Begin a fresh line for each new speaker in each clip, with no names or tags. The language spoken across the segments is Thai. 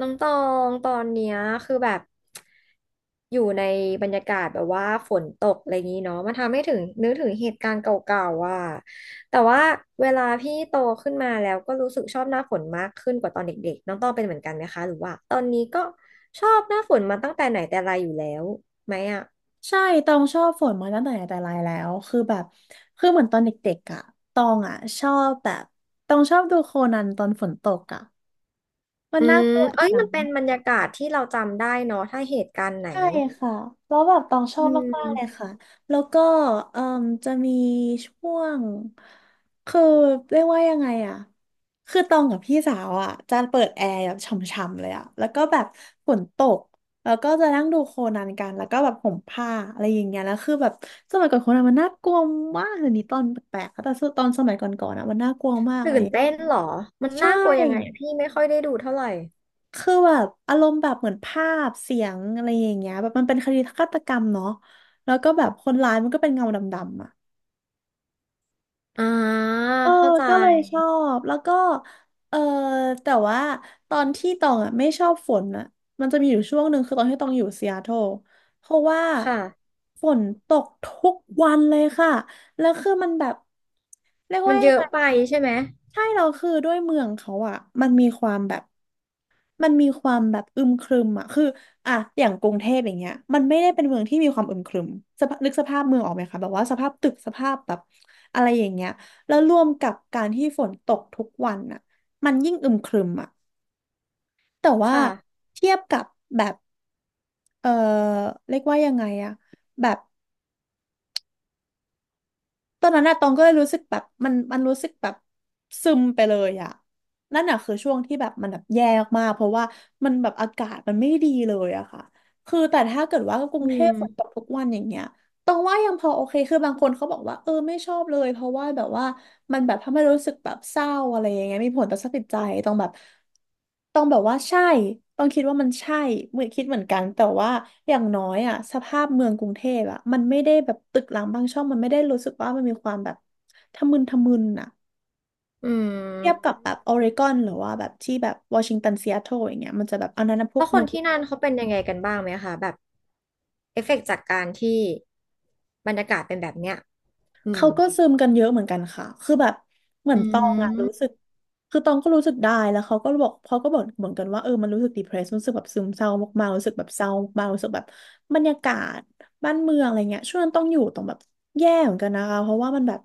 น้องตองตอนเนี้ยคือแบบอยู่ในบรรยากาศแบบว่าฝนตกอะไรอย่างนี้เนาะมันทำให้ถึงนึกถึงเหตุการณ์เก่าๆว่าแต่ว่าเวลาพี่โตขึ้นมาแล้วก็รู้สึกชอบหน้าฝนมากขึ้นกว่าตอนเด็กๆน้องตองเป็นเหมือนกันไหมคะหรือว่าตอนนี้ก็ชอบหน้าฝนมาตั้งแต่ไหนแต่ไรอยู่แล้วไหมอ่ะ
ใช่ตองชอบฝนมาตั้งแต่ไหนแต่ไรแล้ว คือแบบ คือเหมือนตอนเด็กๆอ่ะตองอ่ะชอบแบบตองชอบดูโคนันตอนฝนตกอ่ะมัน
อื
น่า
ม
กลัว
เอ้ย
นะ
มันเป็นบรรยากาศที่เราจำได้เนาะถ้าเหตุการณ์ไหน
ใช่ค่ะแล้วแบบตองชอ
อื
บมากๆเลย
ม
ค่ะแล้วก็เอ่มจะมีช่วงคือเรียกว่ายังไงอะคือตองกับพี่สาวอะจะเปิดแอร์แบบช่ำๆเลยอะแล้วก็แบบฝนตกแล้วก็จะนั่งดูโคนันกันแล้วก็แบบห่มผ้าอะไรอย่างเงี้ยแล้วคือแบบสมัยก่อนโคนันมันน่ากลัวมากเดี๋ยวนี้ตอนแปลกๆแต่ตอนสมัยก่อนๆอะมันน่ากลัวมาก
ตื่
เลย
นเต้นเหรอมัน
ใช่
น่ากลัวยังไงพี่ไม่ค่อยได้ดูเท่าไหร่
คือแบบอารมณ์แบบเหมือนภาพเสียงอะไรอย่างเงี้ยแบบมันเป็นคดีฆาตกรรมเนาะแล้วก็แบบคนร้ายมันก็เป็นเงาดำๆอ่ะ
อ่า
เออ
เข้าใจ
ก็เลยชอบแล้วก็เออแต่ว่าตอนที่ตองอ่ะไม่ชอบฝนอ่ะมันจะมีอยู่ช่วงหนึ่งคือตอนที่ตองอยู่ซีแอตเทิลเพราะว่า
ค่ะ
ฝนตกทุกวันเลยค่ะแล้วคือมันแบบเรียก
มั
ว่า
น
ยั
เย
งไง
อะไปใช่ไหม
ใช่เราคือด้วยเมืองเขาอะมันมีความแบบ มันมีความแบบอึมครึมอ่ะคืออ่ะอย่างกรุงเทพอย่างเงี้ยมันไม่ได้เป็นเมืองที่มีความอึมครึมสภาพนึกสภาพเมืองออกไหมคะแบบว่าสภาพตึกสภาพแบบอะไรอย่างเงี้ยแล้วรวมกับการที่ฝนตกทุกวันอะมันยิ่งอึมครึมอะแต่ว่า
ค่ะ
เทียบกับแบบเออเรียกว่ายังไงอะแบบ ตอนนั้นอะตองก็เลยรู้สึกแบบมันรู้สึกแบบซึมไปเลยอะนั่นอะคือช่วงที่แบบมันแบบแย่มากๆเพราะว่ามันแบบอากาศมันไม่ดีเลยอะค่ะ คือแต่ถ้าเกิดว่ากรุ
อื
งเทพฝนต
ม
กทุกวันอย่างเงี้ย ตรงว่ายังพอโอเคคือบางคนเขาบอกว่าเออไม่ชอบเลยเพราะว่าแบบว่ามันแบบทำให้รู้สึกแบบเศร้าอะไรอย่างเงี้ยมีผลต่อสภาพจิตใจต้องแบบต้องแบบว่าใช่ต้องคิดว่ามันใช่เหมือนคิดเหมือนกันแต่ว่าอย่างน้อยอ่ะสภาพเมืองกรุงเทพอ่ะมันไม่ได้แบบตึกรามบางช่องมันไม่ได้รู้สึกว่ามันมีความแบบทะมึนทะมึนอ่ะ
อื
เทียบกั
ม
บแบบออริกอนหรือว่าแบบที่แบบวอชิงตันซีแอตเทิลอย่างเงี้ยมันจะแบบอันนั้นนะพว
แล้
ก
วค
เมื
น
อง
ที่นั่นเขาเป็นยังไงกันบ้างไหมคะแบบเอฟเฟกต์จากการที่บรรยากาศเป็นแบบเนี้ยอืม
เขาก็ซึมกันเยอะเหมือนกันค่ะ คือแบบเหมือน
อื
ตองอะ
ม
รู้สึก คือตองก็รู้สึกได้แล้วเขาก็บอกเหมือนกันว่าเออมันรู้สึก depressed รู้สึกแบบซึมเศร้ามากๆรู้สึกแบบเศร้ามากๆรู้สึกแบบบรรยากาศบ้านเมืองอะไรเงี้ยช่วงนั้นต้องอยู่ตรงแบบ แย่เหมือนกันนะคะเพราะว่ามันแบบ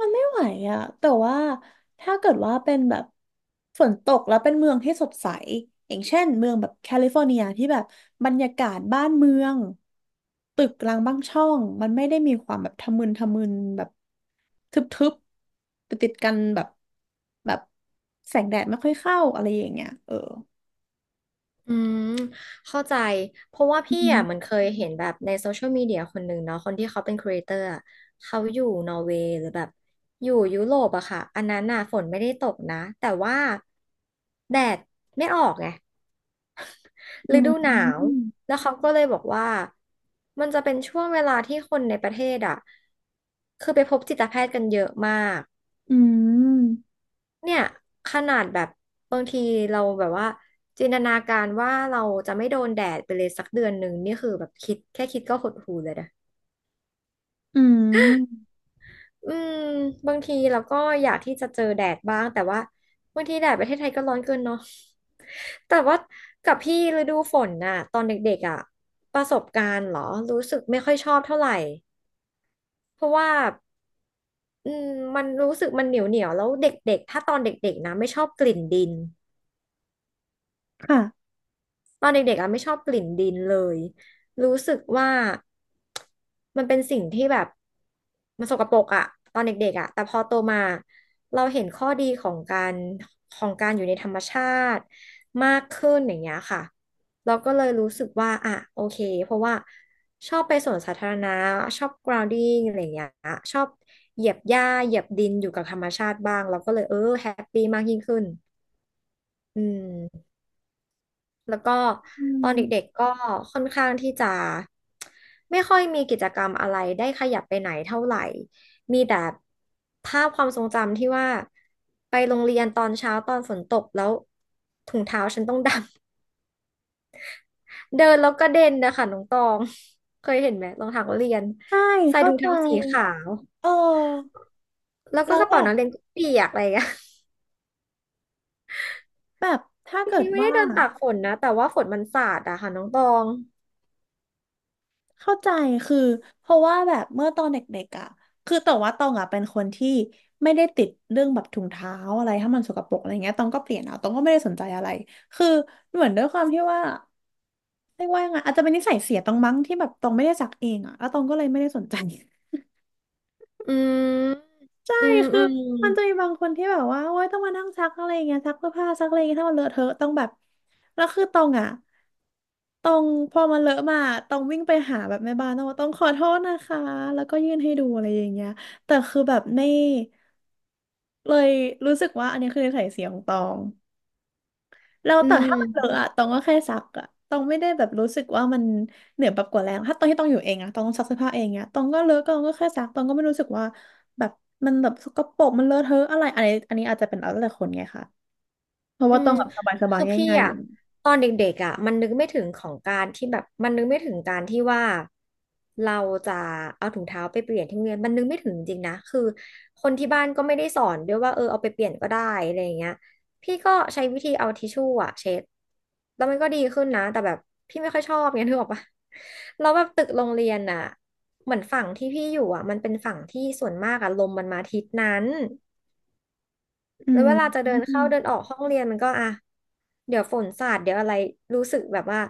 มันไม่ไหวอะแต่ว่าถ้าเกิดว่าเป็นแบบฝนตกแล้วเป็นเมืองที่สดใสอย่างเช่นเมืองแบบแคลิฟอร์เนียที่แบบบรรยากาศบ้านเมืองตึกรางบ้างช่องมันไม่ได้มีความแบบทะมึนทะมึนแบบทึบๆติดกันแบบแบบแสงแดดไม่ค่อยเข้าอะไรอย่างเงี้ยเออ
อืมเข้าใจเพราะว่า
อื
พี่
ม
อ่ะมันเคยเห็นแบบในโซเชียลมีเดียคนหนึ่งเนาะคนที่เขาเป็นครีเอเตอร์อะเขาอยู่นอร์เวย์หรือแบบอยู่ยุโรปอะค่ะอันนั้นน่ะฝนไม่ได้ตกนะแต่ว่าแดดไม่ออกไง
อื
ฤดูหนาว
ม
แล้วเขาก็เลยบอกว่า มันจะเป็นช่วงเวลาที่คนในประเทศอ่ะคือไปพบจิตแพทย์กันเยอะมาก
อืม
เนี่ย ขนาดแบบบางทีเราแบบว่าจินตนาการว่าเราจะไม่โดนแดดไปเลยสักเดือนหนึ่งนี่คือแบบคิดแค่คิดก็หดหู่เลยนะ
อืม
อืมบางทีเราก็อยากที่จะเจอแดดบ้างแต่ว่าบางทีแดดประเทศไทยก็ร้อนเกินเนาะ แต่ว่ากับพี่ฤดูฝนน่ะตอนเด็กๆอ่ะประสบการณ์เหรอรู้สึกไม่ค่อยชอบเท่าไหร่เพราะว่าอืมมันรู้สึกมันเหนียวเหนียวแล้วเด็กๆถ้าตอนเด็กๆนะไม่ชอบกลิ่นดิน
ค่ะ
ตอนเด็กๆอ่ะไม่ชอบกลิ่นดินเลยรู้สึกว่ามันเป็นสิ่งที่แบบมันสกปรกอ่ะตอนเด็กๆอ่ะแต่พอโตมาเราเห็นข้อดีของการของการอยู่ในธรรมชาติมากขึ้นอย่างเงี้ยค่ะเราก็เลยรู้สึกว่าอ่ะโอเคเพราะว่าชอบไปสวนสาธารณะชอบ grounding อะไรอย่างเงี้ยชอบเหยียบหญ้าเหยียบดินอยู่กับธรรมชาติบ้างเราก็เลยเออแฮปปี้มากยิ่งขึ้นอืม แล้วก็
อื
ตอน
ม
เด็กๆก็ค่อนข้างที่จะไม่ค่อยมีกิจกรรมอะไรได้ขยับไปไหนเท่าไหร่มีแต่ภาพความทรงจำที่ว่าไปโรงเรียนตอนเช้าตอนฝนตกแล้วถุงเท้าฉันต้องดำ เดินแล้วก็เด่นนะคะน้องตองเคยเห็นไหมรองเท้านักเรียน
ใช่
ใส่
เข้า
ถุง
ใจ
เท้าสีขาว
เออ
แล้วก็
แล้ว
กระ
แบ
เป๋า
บ
นักเรียนก็เปียกอะไรอย่างเงี้ย
แบบถ้า
บาง
เกิ
ที
ด
ไม่ได้
ว่า
เดินตากฝนนะแต่ว่าฝนมันสาดอะค่ะน้องตอง
เข้าใจคือเพราะว่าแบบเมื่อตอนเด็กๆอ่ะคือแต่ว่าตองอ่ะเป็นคนที่ไม่ได้ติดเรื่องแบบถุงเท้าอะไรถ้ามันสกปรกอะไรเงี้ยตองก็เปลี่ยนเอาตองก็ไม่ได้สนใจอะไรคือเหมือนด้วยความที่ว่าเรียกว่ายังไงอาจจะเป็นนิสัยเสียตองมั้งที่แบบตองไม่ได้ซักเองอ่ะแล้วตองก็เลยไม่ได้สนใจ
อืม
ใช่
อืม
คื
อื
อ
ม
มันจะมีบางคนที่แบบว่าโอ๊ยต้องมานั่งซักอะไรอย่างเงี้ยซักเสื้อผ้าซักอะไรอย่างเงี้ยถ้ามันเลอะเทอะต้องแบบแล้วคือตองอ่ะ ต้องพอมันเลอะมาต้องวิ่งไปหาแบบแม่บ้านต้องว่าต้องขอโทษนะคะแล้วก็ยื่นให้ดูอะไรอย่างเงี้ยแต่คือแบบไม่เลยรู้สึกว่าอันนี้คือนิสัยเสียของตองแล้ว
อื
แต่ถ้า
ม
มันเลอะอะตองก็แค่ซักอะตองไม่ได้แบบรู้สึกว่ามันเหนือแบบกว่าแรงถ้าตอนที่ตองอยู่เองอะตองต้องซักเสื้อผ้าเองเนี้ยตองก็เลอะก็ตองก็แค่ซักตองก็ไม่รู้สึกว่าแบบมันแบบสกปรกมันเลอะเทอะอะไรอันนี้อาจจะเป็นแล้วแต่คนไงคะเพราะ
อื
ว่าตอ
ม
งแบบสบาย
คือพี่
ๆง่ายๆอ
อะ
ยู่
ตอนเด็กๆอะมันนึกไม่ถึงของการที่แบบมันนึกไม่ถึงการที่ว่าเราจะเอาถุงเท้าไปเปลี่ยนที่โรงเรียนมันนึกไม่ถึงจริงๆนะคือคนที่บ้านก็ไม่ได้สอนด้วยว่าเออเอาไปเปลี่ยนก็ได้อะไรอย่างเงี้ยพี่ก็ใช้วิธีเอาทิชชู่อะเช็ดแล้วมันก็ดีขึ้นนะแต่แบบพี่ไม่ค่อยชอบเงี้ยนึกออกปะแล้วแบบตึกโรงเรียนอะเหมือนฝั่งที่พี่อยู่อะมันเป็นฝั่งที่ส่วนมากอะลมมันมาทิศนั้น
อื
แล้วเวลาจะเดิน
ม
เข้าเดินออกห้องเรียนมันก็อ่ะเดี๋ยวฝนสาดเดี๋ยวอะไรรู้สึกแบบว่า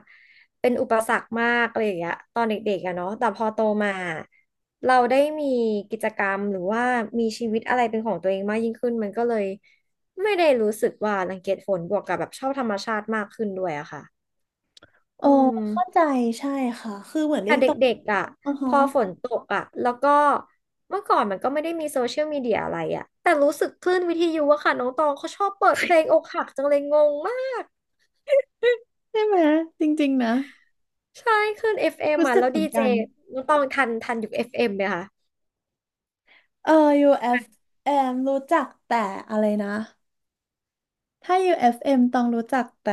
เป็นอุปสรรคมากอะไรอย่างเงี้ยตอนเด็กๆอะเนาะแต่พอโตมาเราได้มีกิจกรรมหรือว่ามีชีวิตอะไรเป็นของตัวเองมากยิ่งขึ้นมันก็เลยไม่ได้รู้สึกว่ารังเกียจฝนบวกกับแบบชอบธรรมชาติมากขึ้นด้วยอะค่ะ
เออ
อื
เข้า
ม
ใจใช่ค่ะคือเหมือนลิ
แต่
ง
เด
ตก
็กๆอ่ะ
อือ
พ
ฮะ
อฝนตกอ่ะแล้วก็เมื่อก่อนมันก็ไม่ได้มีโซเชียลมีเดียอะไรอ่ะแต่รู้สึกคลื่นวิทยุอะค่ะน้องตองเขาชอบเปิดเพลงอกหักจังเลยงงมาก
ใช่ไหมจริงๆนะ
ใช่คลื่น FM อฟ
รู้
เอ็มอ่ะ
สึก
แล้ว
เหมื
ดี
อน
เจ
กัน
น้องตองทันยุค FM ไหมคะ
เออ UFM รู้จักแต่อะไรนะถ้า UFM ต้องรู้จักแต่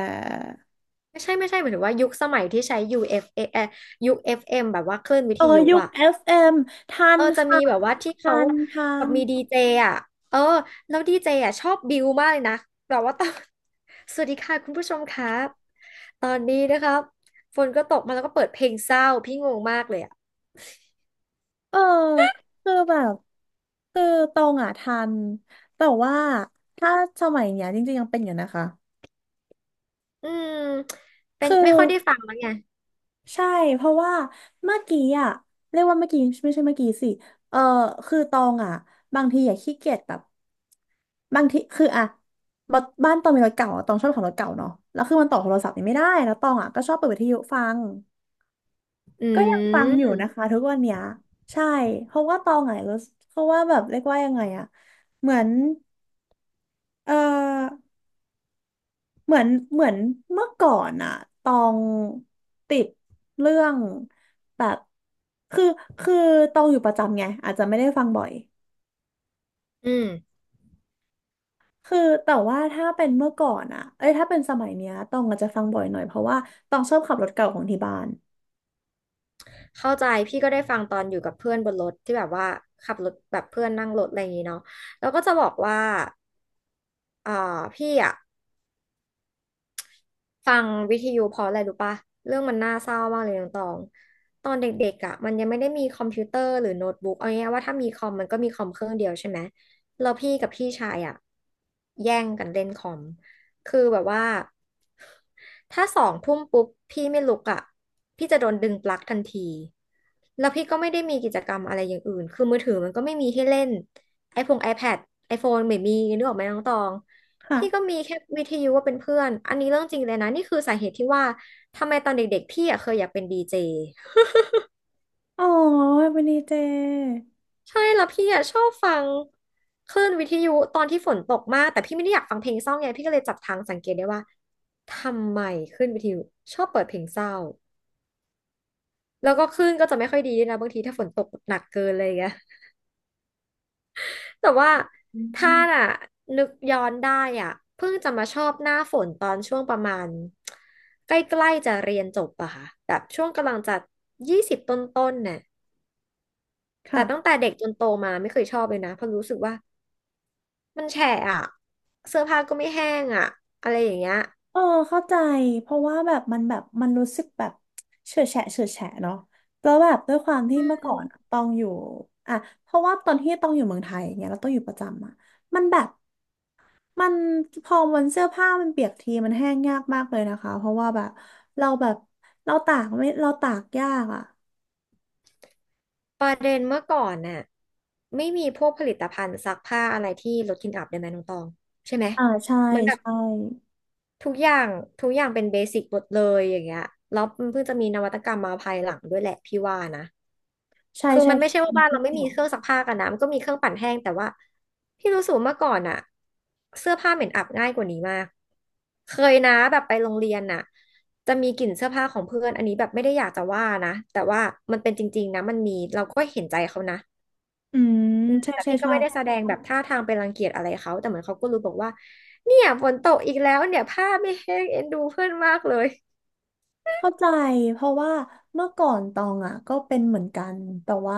ไม่ใช่ไม่ใช่หมายถึงว่ายุคสมัยที่ใช้ยูเอฟเอยุค FM แบบว่าคลื่นวิ
เอ
ท
อ
ยุ
ยุค
อ่ะ
FM ทั
เอ
น
อจะมี
ค่ะ
แบบว่าที่
ทั
เขา
นทั
แบบ
น
มีดีเจอ่ะเออแล้วดีเจอ่ะชอบบิวมากเลยนะแบบว่า ตอน สวัสดีค่ะคุณผู้ชมครับตอนนี้นะครับฝนก็ตกมาแล้วก็เปิดเพลงเศร้าพี่งงมากเลยอ่ะ
เออคือแบบคือตรงอ่ะทันแต่ว่าถ้าสมัยเนี้ยจริงๆยังเป็นอยู่นะคะ
อืมเป็
คื
น
อ
ไม่ค่อยได้ฟังแล้วไง
ใช่เพราะว่าเมื่อกี้อ่ะเรียกว่าเมื่อกี้ไม่ใช่เมื่อกี้สิเออคือตองอ่ะบางทีอย่กขี้เกียจแบบบางทีคืออ่ะบบ้านตองมีรถเก่าอะตองชอบขับรถเก่าเนาะแล้วคือมันต่อโทรศัพท์นี่ไม่ได้แล้วตองอ่ะก็ชอบเปิดวิทยุฟัง
อื
ก็ยังฟังอยู่
ม
นะคะทุกวันเนี้ยใช่เพราะว่าตองอ่ะรู้สึกเพราะว่าแบบเรียกว่ายังไงอ่ะเหมือนเออ เหมือนเหมือนเมื่อก่อนอะตองติดเรื่องแบบคือคือตองอยู่ประจำไงอาจจะไม่ได้ฟังบ่อย
อืม
คือแต่ว่าถ้าเป็นเมื่อก่อนอะเอ้ยถ้าเป็นสมัยเนี้ยตองอาจจะฟังบ่อยหน่อยเพราะว่าตองชอบขับรถเก่าของที่บ้าน
เข้าใจพี่ก็ได้ฟังตอนอยู่กับเพื่อนบนรถที่แบบว่าขับรถแบบเพื่อนนั่งรถอะไรอย่างงี้เนาะแล้วก็จะบอกว่าอ่าพี่อ่ะ ฟังวิทยุเพราะอะไรรู้ปะเรื่องมันน่าเศร้ามากเลยน้องตองตอนเด็กๆอ่ะมันยังไม่ได้มีคอมพิวเตอร์หรือโน้ตบุ๊กเอาง่ายๆว่าถ้ามีคอมมันก็มีคอมเครื่องเดียวใช่ไหมแล้วพี่กับพี่ชายอ่ะแย่งกันเล่นคอมคือแบบว่าถ้าสองทุ่มปุ๊บพี่ไม่ลุกอ่ะพี่จะโดนดึงปลั๊กทันทีแล้วพี่ก็ไม่ได้มีกิจกรรมอะไรอย่างอื่นคือมือถือมันก็ไม่มีให้เล่นไอพง iPad iPhone ไม่มีนึกออกไหมน้องตอง
ค่ะ
พี่ก็มีแค่วิทยุว่าเป็นเพื่อนอันนี้เรื่องจริงเลยนะนี่คือสาเหตุที่ว่าทำไมตอนเด็กๆพี่อ่ะเคยอยากเป็นดีเจ
อ๋อวันนี้เจ
ใช่แล้วพี่อ่ะชอบฟังคลื่นวิทยุตอนที่ฝนตกมากแต่พี่ไม่ได้อยากฟังเพลงเศร้าไงพี่ก็เลยจับทางสังเกตได้ว่าทำไมคลื่นวิทยุชอบเปิดเพลงเศร้าแล้วก็คลื่นก็จะไม่ค่อยดีด้วยนะบางทีถ้าฝนตกหนักเกินเลยไง แต่ว่า
อื
ถ้าน่ะ
ม
นึกย้อนได้อ่ะเพิ่งจะมาชอบหน้าฝนตอนช่วงประมาณใกล้ๆจะเรียนจบอะค่ะแบบช่วงกำลังจะ20ต้นๆน่ะแต่
ค่ะ
ตั้งแต่เด็กจนโตมาไม่เคยชอบเลยนะเพราะรู้สึกว่ามันแฉะอะเสื้อผ้าก็ไม่แห้งอะอะไรอย่างเงี้ย
เออเข้าใจเพราะว่าแบบมันแบบมันรู้สึกแบบเฉื่อยแฉะเฉื่อยแฉะเนาะแล้วแบบด้วยความที่
อื
เมื่อก่อนอะ
ม
ตองอยู่อ่ะเพราะว่าตอนที่ตองอยู่เมืองไทยอย่างเงี้ยแล้วตองอยู่ประจำอะมันแบบมันพอวันเสื้อผ้ามันเปียกทีมันแห้งยากมากเลยนะคะเพราะว่าแบบเราแบบเราตากไม่เราตากยากอ่ะ
ประเด็นเมื่อก่อนน่ะไม่มีพวกผลิตภัณฑ์ซักผ้าอะไรที่ลดกลิ่นอับได้ไหมน้องตองใช่ไหม
อ่าใช่
เหมือนแบบ
ใช่
ทุกอย่างทุกอย่างเป็นเบสิกหมดเลยอย่างเงี้ยแล้วมันเพิ่งจะมีนวัตกรรมมาภายหลังด้วยแหละพี่ว่านะ
ใช่
คือ
ใช่
มันไม่ใช่
ใช่
ว่า
มัน
บ้าน
ไม่
เราไม่
เกี่ย
มี
ว
เครื่องซัก
ค่ะ
ผ้ากันนะมันก็มีเครื่องปั่นแห้งแต่ว่าพี่รู้สึกว่าเมื่อก่อนอะเสื้อผ้าเหม็นอับง่ายกว่านี้มากเคยนะแบบไปโรงเรียนน่ะจะมีกลิ่นเสื้อผ้าของเพื่อนอันนี้แบบไม่ได้อยากจะว่านะแต่ว่ามันเป็นจริงๆนะมันมีเราก็เห็นใจเขานะ
อืมใช่
แต่
ใช่
พี่ก็
ใช่
ไม่ได้แสดงแบบท่าทางเป็นรังเกียจอะไรเขาแต่เหมือนเขาก็รู้บอกว่าเนี่ยฝนตกอีกแล้วเนี่ยผ้าไม่แห้งเอ็นดูเพื่อนมากเลย
เข้าใจเพราะว่าเมื่อก่อนตองอ่ะก็เป็นเหมือนกันแต่ว่า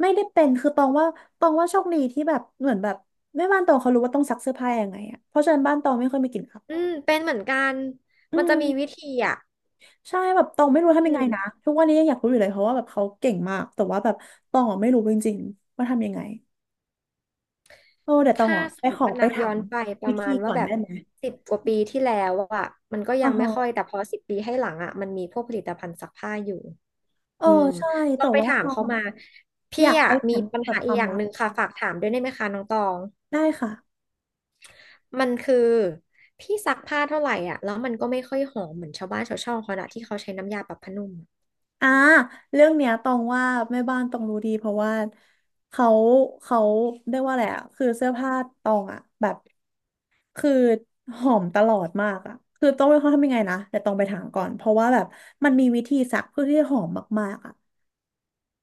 ไม่ได้เป็นคือตองว่าตองว่าโชคดีที่แบบเหมือนแบบแม่บ้านตองเขารู้ว่าต้องซักเสื้อผ้ายังไงอ่ะเพราะฉะนั้นบ้านตองไม่ค่อยมีกลิ่นอับ
อืมเป็นเหมือนกัน
อื
มันจะมีวิ
ม
ธีอ่ะ
ใช่แบบตองไม่รู้
อื
ทำยังไง
ม
นะทุกวันนี้ยังอยากรู้อยู่เลยเพราะว่าแบบเขาเก่งมากแต่ว่าแบบตองอ่ะไม่รู้จริงๆว่าทำยังไงเออเดี๋ยวตอง
ถ้า
อ่ะ
ส
ไป
มม
ข
ติ
อ
ว่า
ไป
นับ
ถา
ย้อ
ม
นไปป
วิ
ระมา
ธี
ณว่า
ก่อน
แบ
ได้
บ
ไหม
10 กว่าปีที่แล้วอ่ะมันก็
อ๋
ยั
อ
งไม่
ฮะ
ค่อยแต่พอ10 ปีให้หลังอ่ะมันมีพวกผลิตภัณฑ์ซักผ้าอยู่
เออ
อืม
ใช่
ลอ
แต่
งไป
ว่า
ถา
ต
ม
อ
เขา
ง
มา
อ
พี่
ยากไป
อ่ะมี
ถาม
ปัญ
แบ
หา
บค
อีก
วาม
อย่าง
ลั
ห
บ
นึ่งค่ะฝากถามด้วยได้ไหมคะน้องตอง
ได้ค่ะ
มันคือพี่ซักผ้าเท่าไหร่อ่ะแล้วมันก็ไม่ค่อยหอมเหมือนชาวบ้านชาวช่องเขาอะที่เขาใช้น้ำยาปรับผ้านุ่ม
อ่าเรื่องเนี้ยตองว่าแม่บ้านตองรู้ดีเพราะว่าเขาเขาเรียกว่าอะไรอ่ะคือเสื้อผ้าตองอ่ะแบบคือหอมตลอดมากอ่ะคือต้องไม่เขาทำยังไงนะเดี๋ยวตองไปถามก่อนเพราะว่าแบบมันมีวิธีซักเพื่อที่จะหอมมากๆอ่ะ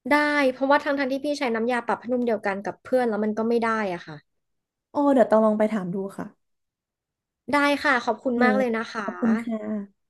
ได้เพราะว่าทั้งที่พี่ใช้น้ำยาปรับผ้านุ่มเดียวกันกับเพื่อนแล้วมันก็ไม่ได้อ่ะค่ะ
อ๋อเดี๋ยวตองลองไปถามดูค่ะ
ได้ค่ะขอบคุ
โอ
ณ
เค
มากเลยนะคะ
ขอบคุณค่ะ